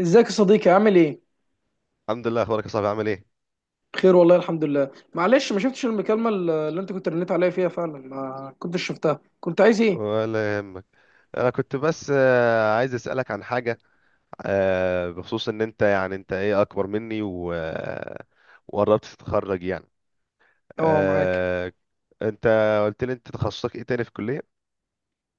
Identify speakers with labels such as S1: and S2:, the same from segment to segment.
S1: ازيك يا صديقي، عامل ايه؟
S2: الحمد لله. اخبارك يا صاحبي؟ عامل ايه؟
S1: بخير والله الحمد لله. معلش، ما شفتش المكالمه اللي انت كنت رنيت عليا فيها، فعلا ما كنتش شفتها. كنت عايز ايه؟
S2: ولا يهمك. انا كنت بس عايز اسالك عن حاجه. بخصوص ان انت ايه اكبر مني و... آه، وقربت تتخرج يعني.
S1: اه، معاك.
S2: آه، انت قلت لي انت تخصصك ايه تاني في الكليه؟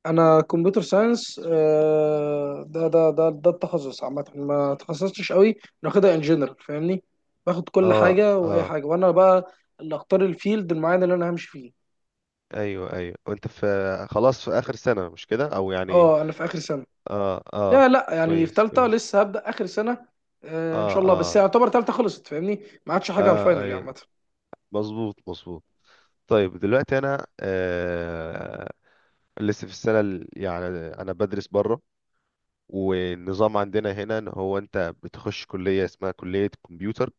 S1: انا كمبيوتر ساينس، ده التخصص عامه، ما تخصصتش قوي. ناخدها انجينير، فاهمني؟ باخد كل
S2: اه،
S1: حاجه واي
S2: اه.
S1: حاجه، وانا بقى اللي اختار الفيلد المعين اللي انا همشي فيه.
S2: ايوه، ايوه، وانت في خلاص في اخر سنه، مش كده؟ او يعني
S1: اه، انا في اخر
S2: في... س-
S1: سنه.
S2: اه،
S1: لا
S2: اه.
S1: لا، يعني في
S2: كويس،
S1: ثالثه،
S2: كويس.
S1: لسه هبدا اخر سنه. ان
S2: اه،
S1: شاء الله، بس
S2: اه،
S1: يعتبر ثالثه خلصت، فاهمني؟ ما عادش حاجه على الفاينل،
S2: اه،
S1: يعني
S2: ايوه.
S1: عامه.
S2: مظبوط، مظبوط. طيب، دلوقتي انا لسه في السنة يعني أنا بدرس بره، والنظام عندنا هنا إن هو أنت بتخش كلية اسمها كلية كمبيوتر.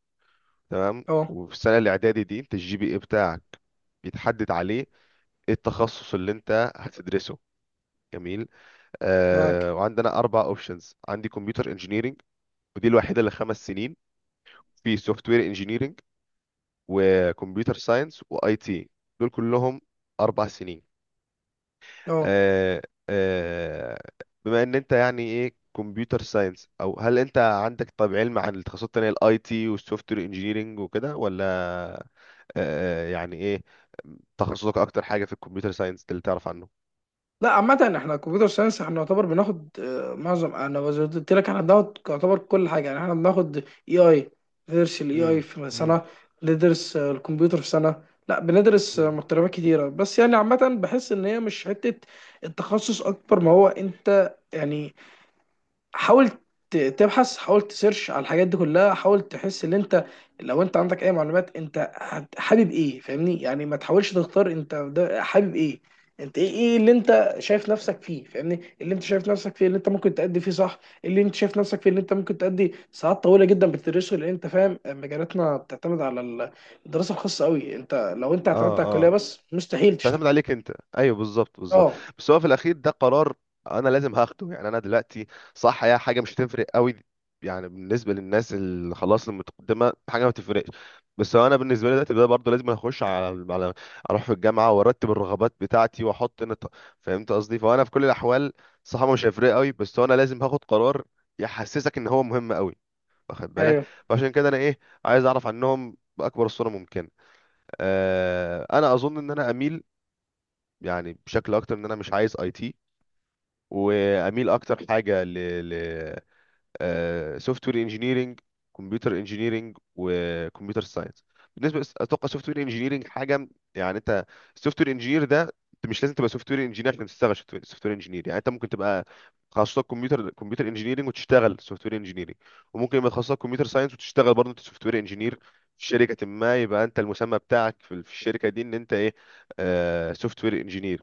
S2: تمام.
S1: اه،
S2: وفي السنة الإعدادي دي أنت الجي بي إيه بتاعك بيتحدد عليه إيه التخصص اللي أنت هتدرسه. جميل.
S1: معاك.
S2: وعندنا أربع أوبشنز. عندي كمبيوتر إنجينيرينج، ودي الوحيدة اللي 5 سنين. في سوفت وير إنجينيرينج، وكمبيوتر ساينس، وأي تي. دول كلهم 4 سنين.
S1: اه.
S2: آه، آه، بما ان انت يعني ايه كمبيوتر ساينس، او هل انت عندك طب علم عن التخصصات التانية، الاي تي والسوفت وير انجينيرنج وكده، ولا آه، يعني ايه تخصصك اكتر حاجة في الكمبيوتر ساينس اللي تعرف عنه؟
S1: لا عامة، احنا كمبيوتر ساينس احنا نعتبر بناخد معظم، انا زي ما قلت لك احنا بناخد يعتبر كل حاجة، يعني احنا بناخد اي اي. ندرس الاي اي
S2: امم
S1: في سنة. ندرس الكمبيوتر في سنة. لا بندرس
S2: امم
S1: مقتربات كتيرة، بس يعني عامة بحس ان هي مش حتة التخصص اكبر ما هو، انت يعني حاول تبحث، حاول تسيرش على الحاجات دي كلها، حاول تحس ان انت لو انت عندك اي معلومات انت حابب ايه، فاهمني؟ يعني ما تحاولش تختار، انت ده حابب ايه؟ انت ايه اللي انت شايف نفسك فيه، فاهمني؟ اللي انت شايف نفسك فيه، اللي انت ممكن تأدي فيه، صح؟ اللي انت شايف نفسك فيه، اللي انت ممكن تأدي ساعات طويلة جدا بتدرسه، لان انت فاهم مجالاتنا بتعتمد على الدراسة الخاصة قوي. انت لو انت اعتمدت على
S2: اه،
S1: الكلية
S2: اه.
S1: بس مستحيل تشتغل.
S2: تعتمد عليك انت. ايوه، بالظبط، بالظبط.
S1: اه،
S2: بس هو في الاخير ده قرار انا لازم هاخده. يعني انا دلوقتي صح، هي حاجه مش هتفرق قوي، يعني بالنسبه للناس اللي خلاص المتقدمه حاجه ما بتفرقش. بس هو انا بالنسبه لي دلوقتي ده برضه لازم اخش على اروح في الجامعه وارتب الرغبات بتاعتي واحط فهمت قصدي. فانا في كل الاحوال صح، مش هيفرق قوي، بس هو انا لازم هاخد قرار يحسسك ان هو مهم قوي، واخد بالك؟
S1: ايوه
S2: فعشان كده انا ايه، عايز اعرف عنهم باكبر الصوره ممكنه. انا اظن ان انا اميل، يعني بشكل اكتر، ان انا مش عايز اي تي، واميل اكتر حاجه ل سوفت وير انجينيرنج، كمبيوتر انجينيرنج، وكمبيوتر ساينس. بالنسبه اتوقع سوفت وير انجينيرنج حاجه يعني انت السوفت وير انجينير ده، انت مش لازم تبقى سوفت وير انجينير عشان تشتغل سوفت وير انجينير. يعني انت ممكن تبقى تخصصك كمبيوتر انجينيرنج وتشتغل سوفت وير انجينيرنج، وممكن يبقى تخصصك كمبيوتر ساينس وتشتغل برضه انت سوفت وير انجينير في شركه ما. يبقى انت المسمى بتاعك في الشركه دي ان انت ايه، سوفت وير انجينير.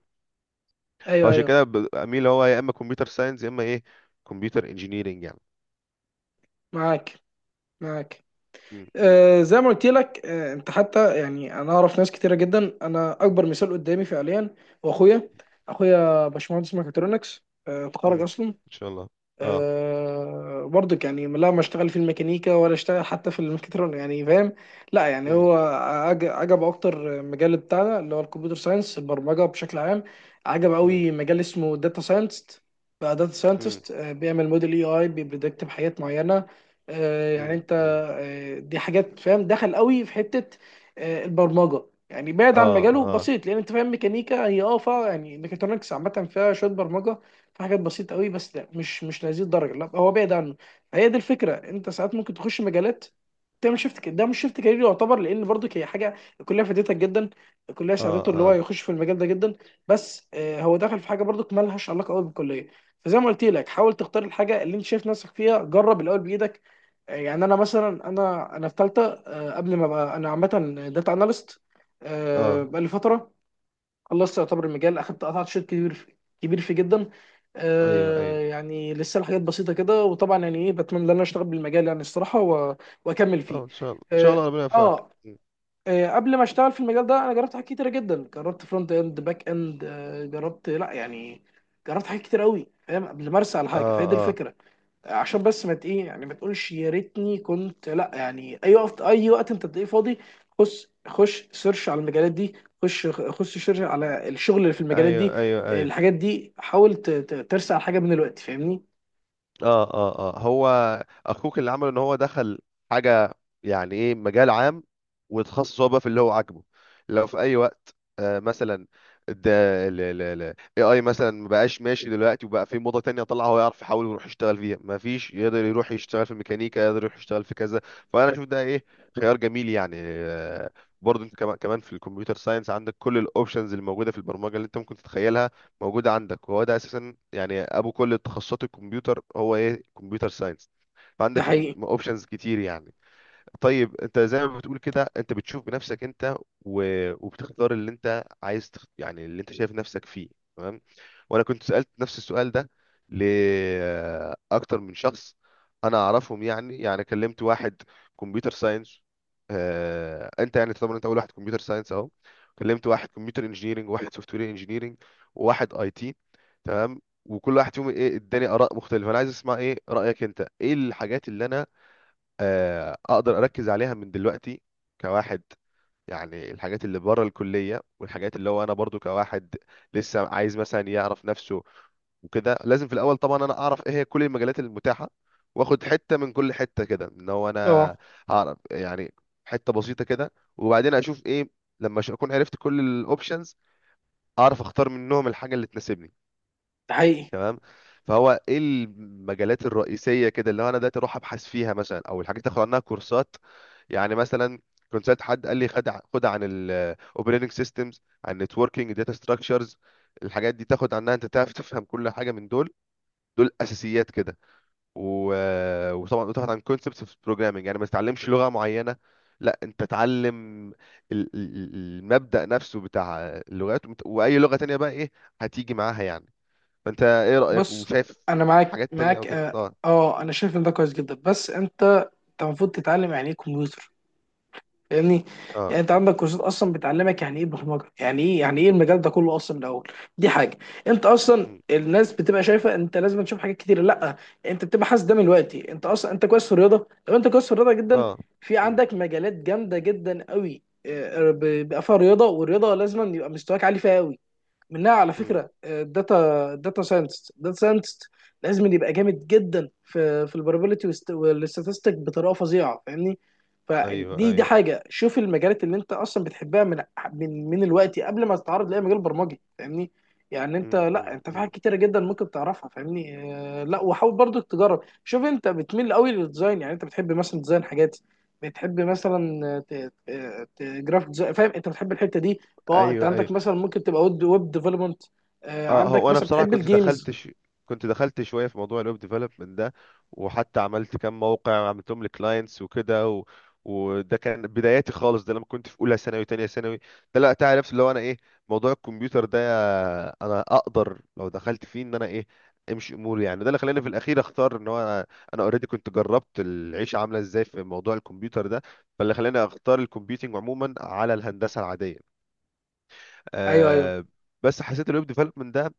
S1: ايوه
S2: فعشان
S1: ايوه.
S2: كده اميل هو يا اما كمبيوتر ساينس يا اما ايه، كمبيوتر انجينيرنج يعني.
S1: معاك معاك.
S2: م- م-
S1: زي ما قلت لك، انت حتى يعني، انا اعرف ناس كتيره جدا. انا اكبر مثال قدامي فعليا هو اخويا. اخويا باشمهندس ميكاترونكس،
S2: م.
S1: اتخرج اصلا.
S2: ان شاء الله. اه.
S1: أه برضك، يعني لا، ما اشتغل في الميكانيكا ولا اشتغل حتى في الميكاترون، يعني فاهم؟ لا يعني
S2: م-
S1: هو عجب اكتر مجال بتاعنا، اللي هو الكمبيوتر ساينس، البرمجه بشكل عام. عجب
S2: م-
S1: قوي مجال اسمه داتا ساينتست. بقى داتا
S2: م-
S1: ساينتست بيعمل موديل اي اي، بيبريدكت بحاجات معينه. يعني
S2: م-
S1: انت،
S2: م.
S1: دي حاجات فاهم دخل قوي في حته. البرمجه يعني بعيد عن
S2: اه،
S1: مجاله
S2: اه،
S1: بسيط، لان انت فاهم ميكانيكا، هي يعني ميكاترونكس عامه فيها شويه برمجه، في حاجات بسيطه قوي، بس لا مش لهذه الدرجه. لا هو بعيد عنه. هي دي الفكره، انت ساعات ممكن تخش مجالات، تعمل شيفت ده مش شيفت كارير يعتبر، لان برضك هي حاجه الكليه فادتك جدا. الكليه
S2: اه،
S1: ساعدته اللي هو
S2: اه،
S1: يخش في المجال ده جدا. بس هو دخل في حاجه برضك مالهاش علاقه قوي بالكليه. فزي ما قلت لك، حاول تختار الحاجه اللي انت شايف نفسك فيها، جرب الاول بايدك. يعني انا مثلا، انا في ثالثه، قبل ما ابقى انا عامه داتا اناليست
S2: اه،
S1: بقالي فتره، خلصت يعتبر المجال، اخدت قطعت شوط كبير في، كبير فيه جدا.
S2: ايوه،
S1: آه
S2: ايوه.
S1: يعني لسه الحاجات بسيطه كده، وطبعا يعني ايه بتمنى ان انا اشتغل بالمجال، يعني الصراحه، واكمل
S2: اه،
S1: فيه.
S2: ان شاء الله، ان شاء الله،
S1: آه,
S2: ربنا يوفقك.
S1: اه قبل ما اشتغل في المجال ده انا جربت حاجات كتيره جدا، جربت فرونت اند، باك اند، جربت لا يعني جربت حاجات كتير قوي، فاهم؟ قبل ما ارسى على حاجه.
S2: اه،
S1: فهي دي
S2: اه،
S1: الفكره، عشان بس ما ايه، يعني ما تقولش يا ريتني كنت، لا يعني اي وقت، اي وقت انت تلاقيه فاضي خش خش سيرش على المجالات دي، خش خش سيرش على الشغل اللي في المجالات دي،
S2: ايوه، ايوه، ايوه،
S1: الحاجات دي. حاول ترسع على حاجه من الوقت، فاهمني؟
S2: اه، اه، اه. هو اخوك اللي عمله ان هو دخل حاجه، يعني ايه، مجال عام، وتخصص هو بقى في اللي هو عاجبه. لو في اي وقت مثلا ده ال AI مثلا ما بقاش ماشي دلوقتي وبقى في موضه تانية، طلع هو يعرف يحاول ويروح يشتغل فيها. ما فيش يقدر يروح يشتغل في الميكانيكا، يقدر يروح يشتغل في كذا. فانا اشوف ده ايه، خيار جميل يعني. برضه انت كمان، كمان في الكمبيوتر ساينس عندك كل الاوبشنز اللي موجوده في البرمجه اللي انت ممكن تتخيلها موجودة عندك. وهو ده أساسا يعني أبو كل تخصصات الكمبيوتر هو إيه، كمبيوتر ساينس.
S1: ده
S2: فعندك
S1: حقيقي.
S2: اوبشنز كتير يعني. طيب، انت زي ما بتقول كده، انت بتشوف بنفسك انت وبتختار اللي انت عايز يعني اللي انت شايف نفسك فيه. تمام. وانا كنت سألت نفس السؤال ده لاكتر من شخص انا اعرفهم. يعني كلمت واحد كمبيوتر ساينس. انت يعني طبعا انت اول واحد كمبيوتر ساينس اهو. كلمت واحد كمبيوتر انجينيرنج، وواحد سوفت وير انجينيرنج، وواحد اي تي. تمام. وكل واحد فيهم ايه اداني اراء مختلفه. انا عايز اسمع ايه رايك انت، ايه الحاجات اللي انا اقدر اركز عليها من دلوقتي كواحد، يعني الحاجات اللي بره الكلية، والحاجات اللي هو انا برضو كواحد لسه عايز مثلا يعرف نفسه وكده. لازم في الاول طبعا انا اعرف ايه هي كل المجالات المتاحة، واخد حتة من كل حتة كده ان هو انا
S1: اه،
S2: اعرف يعني حتة بسيطة كده، وبعدين اشوف ايه، لما اكون عرفت كل الاوبشنز اعرف اختار منهم الحاجة اللي تناسبني.
S1: ده حقيقي.
S2: تمام. فهو ايه المجالات الرئيسيه كده اللي هو انا دلوقتي اروح ابحث فيها مثلا، او الحاجات اللي اخد عنها كورسات؟ يعني مثلا كنت سالت حد قال لي خد خد عن الاوبريتنج سيستمز، عن النتوركينج، داتا ستراكشرز. الحاجات دي تاخد عنها انت تعرف تفهم كل حاجه من دول. دول اساسيات كده. و... آه، وطبعا تاخد عن كونسبتس في البروجرامنج. يعني ما تتعلمش لغه معينه، لا، انت تعلم المبدأ نفسه بتاع اللغات واي لغه تانية بقى ايه هتيجي معاها يعني. فانت ايه رأيك
S1: بص،
S2: وشايف
S1: انا معاك
S2: حاجات تانية او
S1: معاك،
S2: كده؟
S1: اه.
S2: اه،
S1: انا شايف ان ده كويس جدا، بس انت المفروض تتعلم يعني ايه كمبيوتر، فاهمني؟
S2: اه،
S1: يعني انت عندك كورسات اصلا بتعلمك يعني ايه برمجه، يعني ايه، المجال ده كله اصلا من الاول. دي حاجه. انت اصلا
S2: مم.
S1: الناس بتبقى شايفه انت لازم تشوف حاجات كتير، لا. انت بتبقى حاسس ده من دلوقتي، انت اصلا انت كويس في الرياضه، لو انت كويس في الرياضه جدا
S2: اه،
S1: في
S2: مم،
S1: عندك مجالات جامده جدا قوي، بيبقى فيها رياضه. والرياضه لازم يبقى مستواك عالي فيها قوي. منها على
S2: مم.
S1: فكره الداتا، الداتا ساينتست لازم يبقى جامد جدا في البروبابيلتي والاستاتستيك بطريقه فظيعه، فاهمني؟
S2: ايوه،
S1: فدي
S2: ايوه،
S1: حاجه، شوف المجالات اللي انت اصلا بتحبها من من الوقت، قبل ما تتعرض لاي مجال برمجي، فاهمني؟ يعني انت
S2: مم،
S1: لا،
S2: مم،
S1: انت في
S2: مم.
S1: حاجات كتيره جدا ممكن تعرفها، فاهمني؟ لا وحاول برضك تجرب، شوف انت بتميل قوي للديزاين، يعني انت بتحب مثلا ديزاين حاجات، بتحب مثلا جرافيك ديزاين، فاهم؟ انت بتحب الحته دي. اه، انت
S2: ايوه، ايوه،
S1: عندك مثلا ممكن تبقى ويب ديفلوبمنت.
S2: اه.
S1: عندك
S2: هو انا
S1: مثلا
S2: بصراحه
S1: بتحب
S2: كنت
S1: الجيمز.
S2: دخلت كنت دخلت شويه في موضوع الويب ديفلوبمنت ده، وحتى عملت كام موقع عملتهم لكلاينتس وكده وده كان بداياتي خالص. ده لما كنت في اولى ثانوي وثانيه ثانوي. ده لا تعرف اللي هو انا ايه، موضوع الكمبيوتر ده، انا اقدر لو دخلت فيه ان انا ايه، امشي اموري. يعني ده اللي خلاني في الاخير اختار ان هو انا انا اوريدي كنت جربت العيشه عامله ازاي في موضوع الكمبيوتر ده. فاللي خلاني اختار الكمبيوتنج عموما على الهندسه العاديه.
S1: ايوه ايوه.
S2: أه. بس حسيت الويب ديفلوبمنت ده،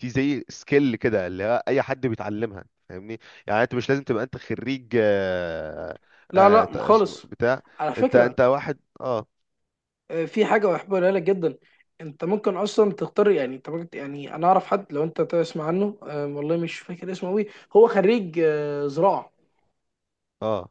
S2: دي زي سكيل كده اللي هو اي حد بيتعلمها، فاهمني؟ يعني انت مش لازم تبقى انت خريج
S1: لا لا
S2: اسمه
S1: خالص.
S2: بتاع
S1: على
S2: انت
S1: فكره،
S2: انت واحد اه.
S1: في حاجه بحبها لك جدا. انت ممكن اصلا تختار، يعني انت ممكن، يعني انا اعرف حد لو انت تسمع عنه، والله مش فاكر اسمه قوي. هو خريج زراعه،
S2: اه،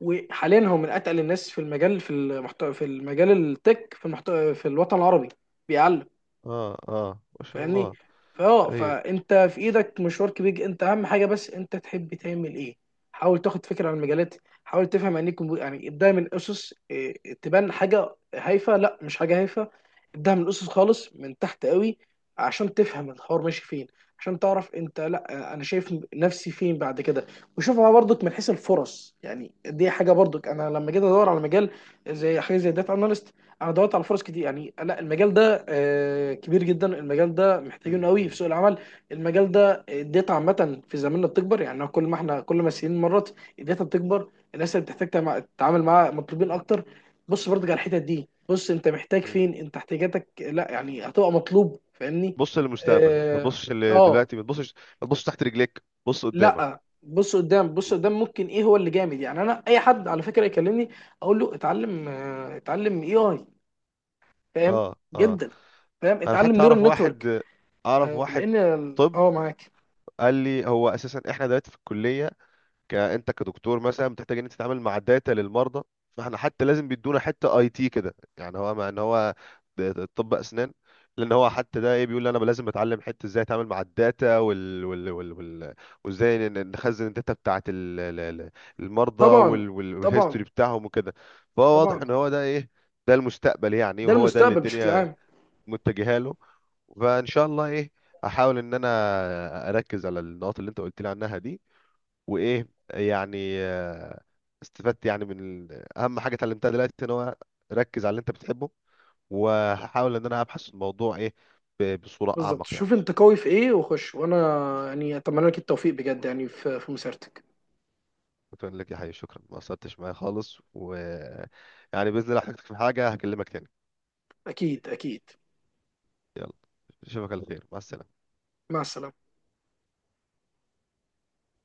S1: وحاليا هو من اتقل الناس في المجال، في المحتوى، في المجال التك في المحتوى في الوطن العربي، بيعلم،
S2: اه، اه، ما شاء
S1: فاهمني؟
S2: الله. ايوه،
S1: فانت في ايدك مشوار كبير، انت اهم حاجه بس انت تحب تعمل ايه. حاول تاخد فكره عن المجالات. حاول تفهم يعني ايه كمبيوتر، يعني ابداها من اسس، تبان حاجه هايفه، لا مش حاجه هايفه. ابداها من اسس خالص من تحت قوي، عشان تفهم الحوار ماشي فين، عشان تعرف انت، لا انا شايف نفسي فين بعد كده. وشوفها برضك من حيث الفرص، يعني دي حاجه برضك انا لما جيت ادور على مجال زي حاجه زي داتا اناليست، انا دورت على فرص كتير، يعني لا المجال ده كبير جدا، المجال ده محتاجينه
S2: مم،
S1: قوي في
S2: مم،
S1: سوق العمل. المجال ده الداتا عامه في زماننا بتكبر، يعني كل ما احنا كل ما السنين مرت الداتا بتكبر، الناس اللي بتحتاج تتعامل معاها مطلوبين اكتر. بص برضك على الحتت دي، بص انت محتاج
S2: مم.
S1: فين، انت احتياجاتك، لا يعني هتبقى مطلوب، فاهمني؟
S2: بص للمستقبل، ما
S1: اه
S2: تبصش
S1: آه،
S2: دلوقتي، ما تبصش، ما تبصش تحت رجليك، بص قدامك.
S1: لا بص قدام، بص
S2: مم.
S1: قدام ممكن ايه هو اللي جامد. يعني انا اي حد على فكره يكلمني اقول له اتعلم اتعلم اي اي، فاهم؟
S2: اه، اه.
S1: جدا. فاهم
S2: انا
S1: اتعلم
S2: حتى
S1: نيورال
S2: اعرف
S1: نتورك،
S2: واحد، اعرف واحد.
S1: لان
S2: طب،
S1: معاك.
S2: قال لي هو اساسا احنا دلوقتي في الكلية، انت كدكتور مثلا بتحتاج ان انت تتعامل مع داتا للمرضى، فاحنا حتى لازم بيدونا حته اي تي كده. يعني هو مع ان هو طب اسنان، لان هو حتى ده ايه بيقول لي انا لازم اتعلم حته ازاي اتعامل مع الداتا وال وال وال وال وازاي نخزن الداتا بتاعه المرضى
S1: طبعا
S2: والهيستوري
S1: طبعا
S2: بتاعهم وكده. فهو واضح
S1: طبعا.
S2: ان هو ده ايه، ده المستقبل يعني،
S1: ده
S2: وهو ده اللي
S1: المستقبل بشكل
S2: الدنيا
S1: عام.
S2: متجهه له. فان شاء الله ايه، احاول ان انا اركز على النقاط اللي انت قلت لي عنها دي. وايه يعني استفدت يعني من اهم حاجه اتعلمتها دلوقتي ان هو ركز على اللي انت بتحبه. وهحاول ان انا ابحث الموضوع ايه، بصوره
S1: بالظبط،
S2: اعمق يعني.
S1: شوف انت قوي في ايه وخش، وانا يعني اتمنى لك التوفيق بجد، يعني في مسيرتك.
S2: بتقول لك يا حي، شكرا، ما قصرتش معايا خالص، و يعني باذن الله احتاجتك في حاجه هكلمك تاني.
S1: اكيد اكيد.
S2: يلا، اشوفك على خير. مع السلامه.
S1: مع السلامه.